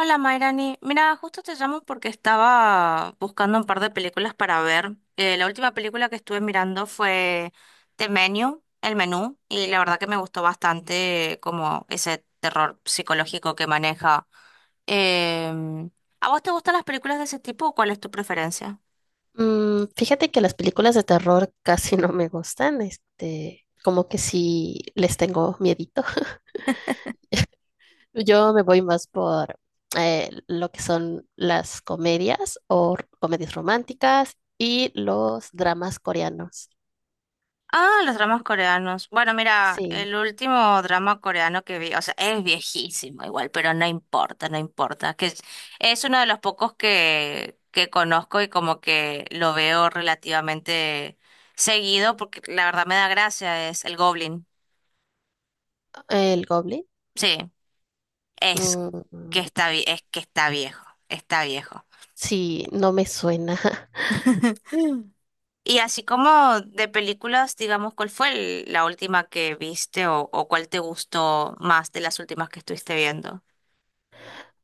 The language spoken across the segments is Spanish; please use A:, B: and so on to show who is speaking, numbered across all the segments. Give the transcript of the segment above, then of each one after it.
A: Hola Mayrani, mira, justo te llamo porque estaba buscando un par de películas para ver. La última película que estuve mirando fue The Menu, El Menú, y la verdad que me gustó bastante como ese terror psicológico que maneja. Em, ¿A vos te gustan las películas de ese tipo o cuál es tu preferencia?
B: Mm, fíjate que las películas de terror casi no me gustan, este, como que sí les tengo miedito. Yo me voy más por lo que son las comedias o comedias románticas y los dramas coreanos.
A: Ah, los dramas coreanos. Bueno, mira, el
B: Sí,
A: último drama coreano que vi, o sea, es viejísimo igual, pero no importa, no importa, es uno de los pocos que conozco y como que lo veo relativamente seguido, porque la verdad me da gracia, es el Goblin.
B: el Goblin.
A: Sí, es que
B: mm,
A: está, es que está viejo, está viejo.
B: sí, no me suena.
A: Y así como de películas, digamos, ¿cuál fue la última que viste o cuál te gustó más de las últimas que estuviste viendo?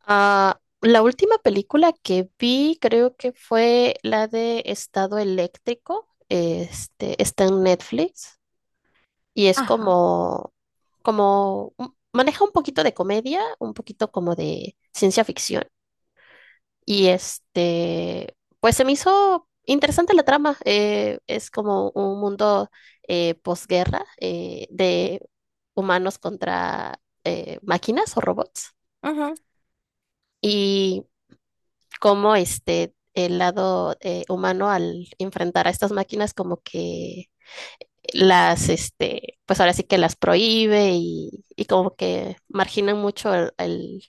B: Ah, la última película que vi creo que fue la de Estado Eléctrico. Este, está en Netflix. Y es
A: Ajá.
B: como, como, maneja un poquito de comedia, un poquito como de ciencia ficción. Y este, pues se me hizo interesante la trama. Es como un mundo posguerra, de humanos contra máquinas o robots.
A: Ujú,
B: Y cómo este, el lado humano, al enfrentar a estas máquinas, como que este, pues ahora sí que las prohíbe, y como que marginan mucho el, el-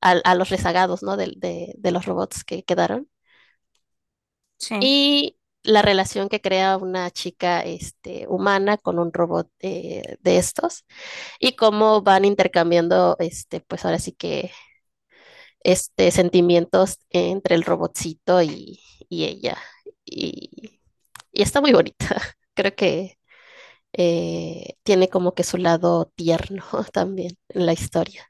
B: al- a, los rezagados, ¿no? De los robots que quedaron.
A: sí.
B: Y la relación que crea una chica, este, humana con un robot de estos, y cómo van intercambiando, este, pues ahora sí que, este, sentimientos entre el robotcito y ella. Y, y está muy bonita. Creo que tiene como que su lado tierno también en la historia.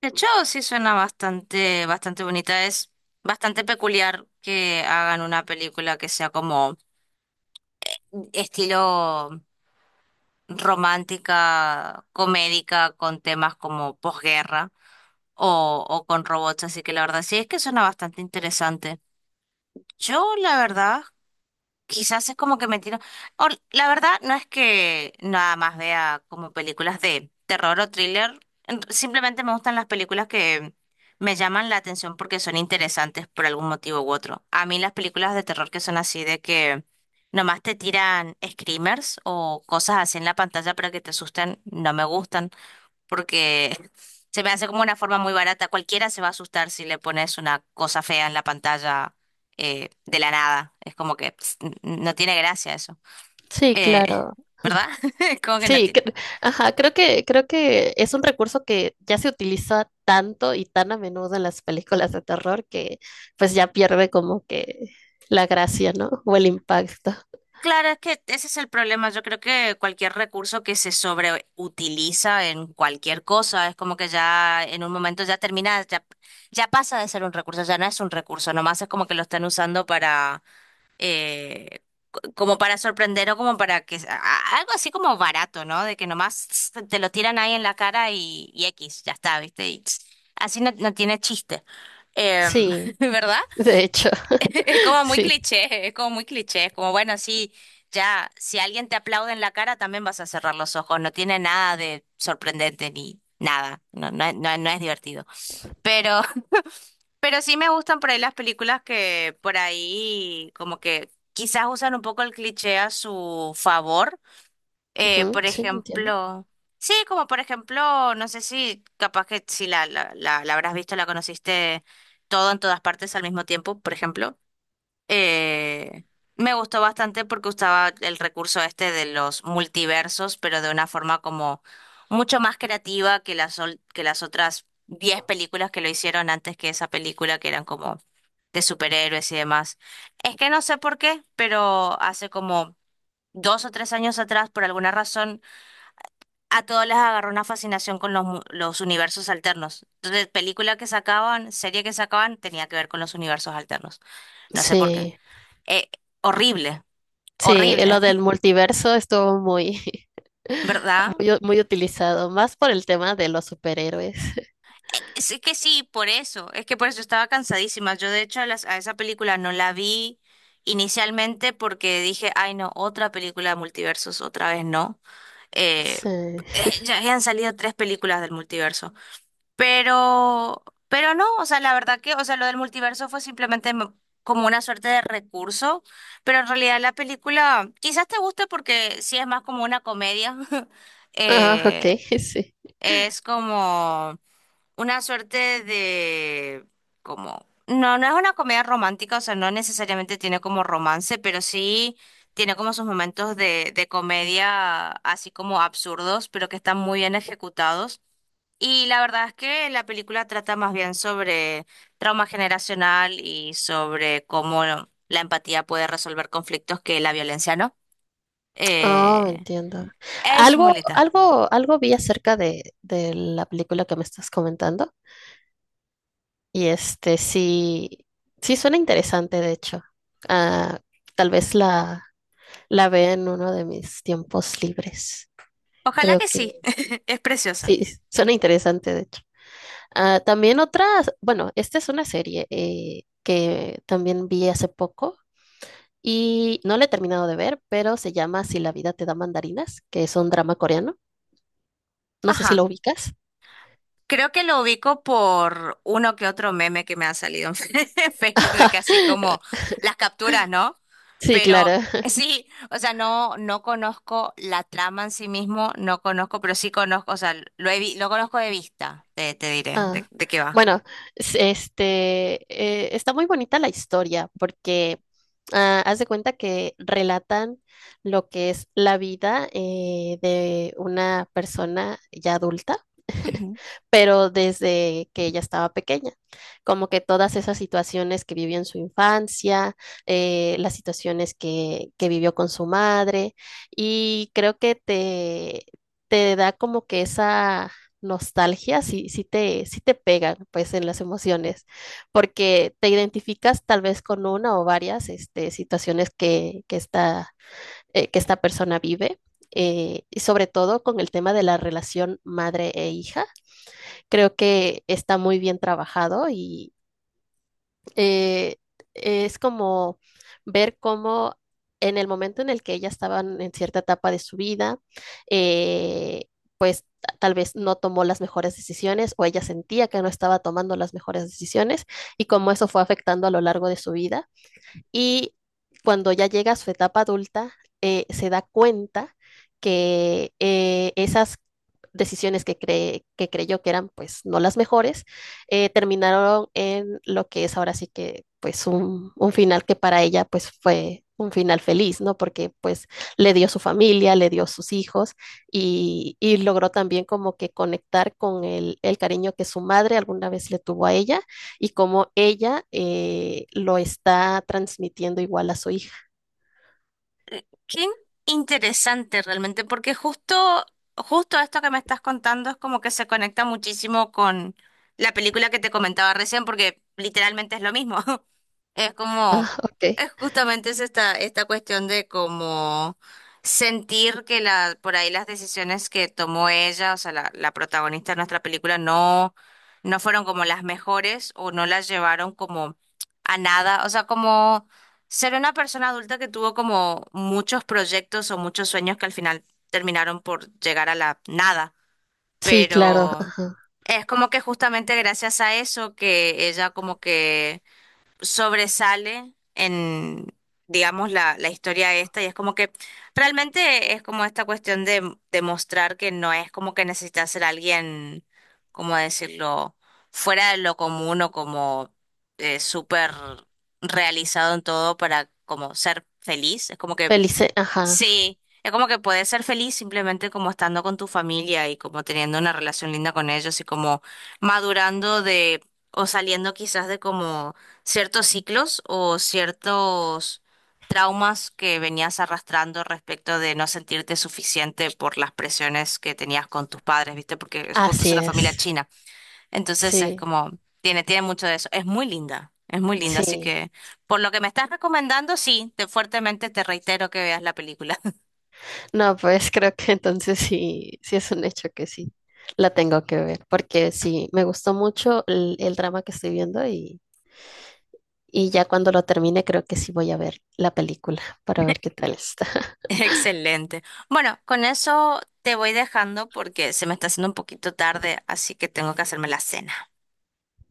A: De hecho, sí suena bastante, bastante bonita. Es bastante peculiar que hagan una película que sea como estilo romántica, comédica, con temas como posguerra o con robots. Así que la verdad sí es que suena bastante interesante. Yo, la verdad. Quizás es como que me tiro. La verdad no es que nada más vea como películas de terror o thriller. Simplemente me gustan las películas que me llaman la atención porque son interesantes por algún motivo u otro. A mí las películas de terror que son así de que nomás te tiran screamers o cosas así en la pantalla para que te asusten, no me gustan porque se me hace como una forma muy barata. Cualquiera se va a asustar si le pones una cosa fea en la pantalla de la nada. Es como que ps, no tiene gracia eso.
B: Sí,
A: Eh,
B: claro.
A: ¿Verdad? Es como que no
B: Sí,
A: tiene.
B: cre- ajá, creo que es un recurso que ya se utiliza tanto y tan a menudo en las películas de terror que pues ya pierde como que la gracia, ¿no? O el impacto.
A: Claro, es que ese es el problema. Yo creo que cualquier recurso que se sobreutiliza en cualquier cosa es como que ya en un momento ya termina, ya, ya pasa de ser un recurso, ya no es un recurso, nomás es como que lo están usando para eh, como para sorprender o como para que algo así como barato, ¿no? De que nomás tss, te lo tiran ahí en la cara y X, ya está, ¿viste? Y tss, así no, no tiene chiste. Em,
B: Sí,
A: ¿verdad?
B: de hecho,
A: Es como muy
B: sí.
A: cliché, es como muy cliché, es como bueno, sí, ya, si alguien te aplaude en la cara, también vas a cerrar los ojos, no tiene nada de sorprendente ni nada, no, no, no no es divertido. Pero pero sí me gustan por ahí las películas que por ahí como que quizás usan un poco el cliché a su favor. Eh,
B: Ujú,
A: por
B: sí, entiendo.
A: ejemplo, sí, como por ejemplo, no sé si capaz que si la habrás visto, la conociste todo en todas partes al mismo tiempo, por ejemplo. Eh, Me gustó bastante porque usaba el recurso este de los multiversos, pero de una forma como mucho más creativa que que las otras 10 películas que lo hicieron antes que esa película, que eran como de superhéroes y demás. Es que no sé por qué, pero hace como dos o tres años atrás, por alguna razón, a todos les agarró una fascinación con los universos alternos. Entonces, película que sacaban, serie que sacaban, tenía que ver con los universos alternos. No sé por qué.
B: Sí,
A: Eh, Horrible,
B: sí,
A: horrible,
B: lo del multiverso estuvo muy,
A: ¿verdad?
B: muy, muy utilizado, más por el tema de los superhéroes.
A: Es que sí, por eso, es que por eso estaba cansadísima. Yo de hecho a esa película no la vi inicialmente porque dije, ay no, otra película de multiversos, otra vez no. Eh,
B: Sí.
A: ya habían salido tres películas del multiverso, pero no, o sea, la verdad que, o sea, lo del multiverso fue simplemente como una suerte de recurso, pero en realidad la película quizás te guste porque sí es más como una comedia.
B: Ah, ok,
A: eh,
B: sí.
A: Es como una suerte de, como, no, no es una comedia romántica, o sea, no necesariamente tiene como romance, pero sí tiene como sus momentos de comedia así como absurdos, pero que están muy bien ejecutados. Y la verdad es que la película trata más bien sobre trauma generacional y sobre cómo bueno, la empatía puede resolver conflictos que la violencia no.
B: Oh,
A: Eh,
B: entiendo.
A: es muy
B: Algo,
A: linda.
B: algo, algo vi acerca de la película que me estás comentando. Y este sí, sí suena interesante, de hecho. Ah, tal vez la vea en uno de mis tiempos libres.
A: Ojalá
B: Creo
A: que
B: que
A: sí, es preciosa.
B: sí, suena interesante, de hecho. Ah, también otras, bueno, esta es una serie que también vi hace poco y no la he terminado de ver, pero se llama Si la vida te da mandarinas, que es un drama coreano. No sé si lo
A: Ajá.
B: ubicas.
A: Creo que lo ubico por uno que otro meme que me ha salido en Facebook de que así como las capturas, ¿no?
B: Sí,
A: Pero
B: claro.
A: sí, o sea, no, no conozco la trama en sí mismo, no conozco, pero sí conozco, o sea, lo conozco de vista, te diré
B: Ah,
A: de qué va.
B: bueno, este, está muy bonita la historia porque, ah, haz de cuenta que relatan lo que es la vida de una persona ya adulta, pero desde que ella estaba pequeña, como que todas esas situaciones que vivió en su infancia, las situaciones que vivió con su madre, y creo que te da como que esa nostalgia. Sí, sí te pegan pues en las emociones, porque te identificas tal vez con una o varias este, situaciones que esta persona vive. Y sobre todo con el tema de la relación madre e hija, creo que está muy bien trabajado y, eh, es como ver cómo en el momento en el que ellas estaban en cierta etapa de su vida, eh, pues tal vez no tomó las mejores decisiones, o ella sentía que no estaba tomando las mejores decisiones, y cómo eso fue afectando a lo largo de su vida. Y cuando ya llega a su etapa adulta, se da cuenta que esas decisiones que, cree, que creyó que eran pues no las mejores, terminaron en lo que es ahora sí que pues un final que para ella pues fue un final feliz, ¿no? Porque pues le dio su familia, le dio sus hijos, y logró también como que conectar con el cariño que su madre alguna vez le tuvo a ella, y cómo ella lo está transmitiendo igual a su hija.
A: Qué interesante realmente, porque justo, justo esto que me estás contando es como que se conecta muchísimo con la película que te comentaba recién, porque literalmente es lo mismo. Es como,
B: Ah, ok.
A: es justamente es esta, esta cuestión de como sentir que la, por ahí las decisiones que tomó ella, o sea, la protagonista de nuestra película, no, no fueron como las mejores o no las llevaron como a nada. O sea, como ser una persona adulta que tuvo como muchos proyectos o muchos sueños que al final terminaron por llegar a la nada,
B: Sí, claro.
A: pero
B: Ah,
A: es como que justamente gracias a eso que ella como que sobresale en, digamos, la historia esta y es como que realmente es como esta cuestión de demostrar que no es como que necesita ser alguien, ¿cómo decirlo?, fuera de lo común o como súper realizado en todo para como ser feliz. Es como que
B: Felice, ajá.
A: sí, es como que puedes ser feliz simplemente como estando con tu familia y como teniendo una relación linda con ellos y como madurando de o saliendo quizás de como ciertos ciclos o ciertos traumas que venías arrastrando respecto de no sentirte suficiente por las presiones que tenías con tus padres, ¿viste? Porque es justo es
B: Así
A: una familia
B: es.
A: china. Entonces es
B: Sí,
A: como tiene mucho de eso. Es muy linda. Es muy linda, así
B: sí.
A: que por lo que me estás recomendando, sí, te fuertemente te reitero que veas la película.
B: No, pues creo que entonces sí, sí es un hecho que sí. La tengo que ver, porque sí, me gustó mucho el drama que estoy viendo, y ya cuando lo termine creo que sí voy a ver la película para ver qué tal está.
A: Excelente. Bueno, con eso te voy dejando porque se me está haciendo un poquito tarde, así que tengo que hacerme la cena.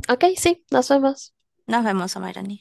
B: Ok, sí, nos vemos.
A: Nos vemos, Amairani.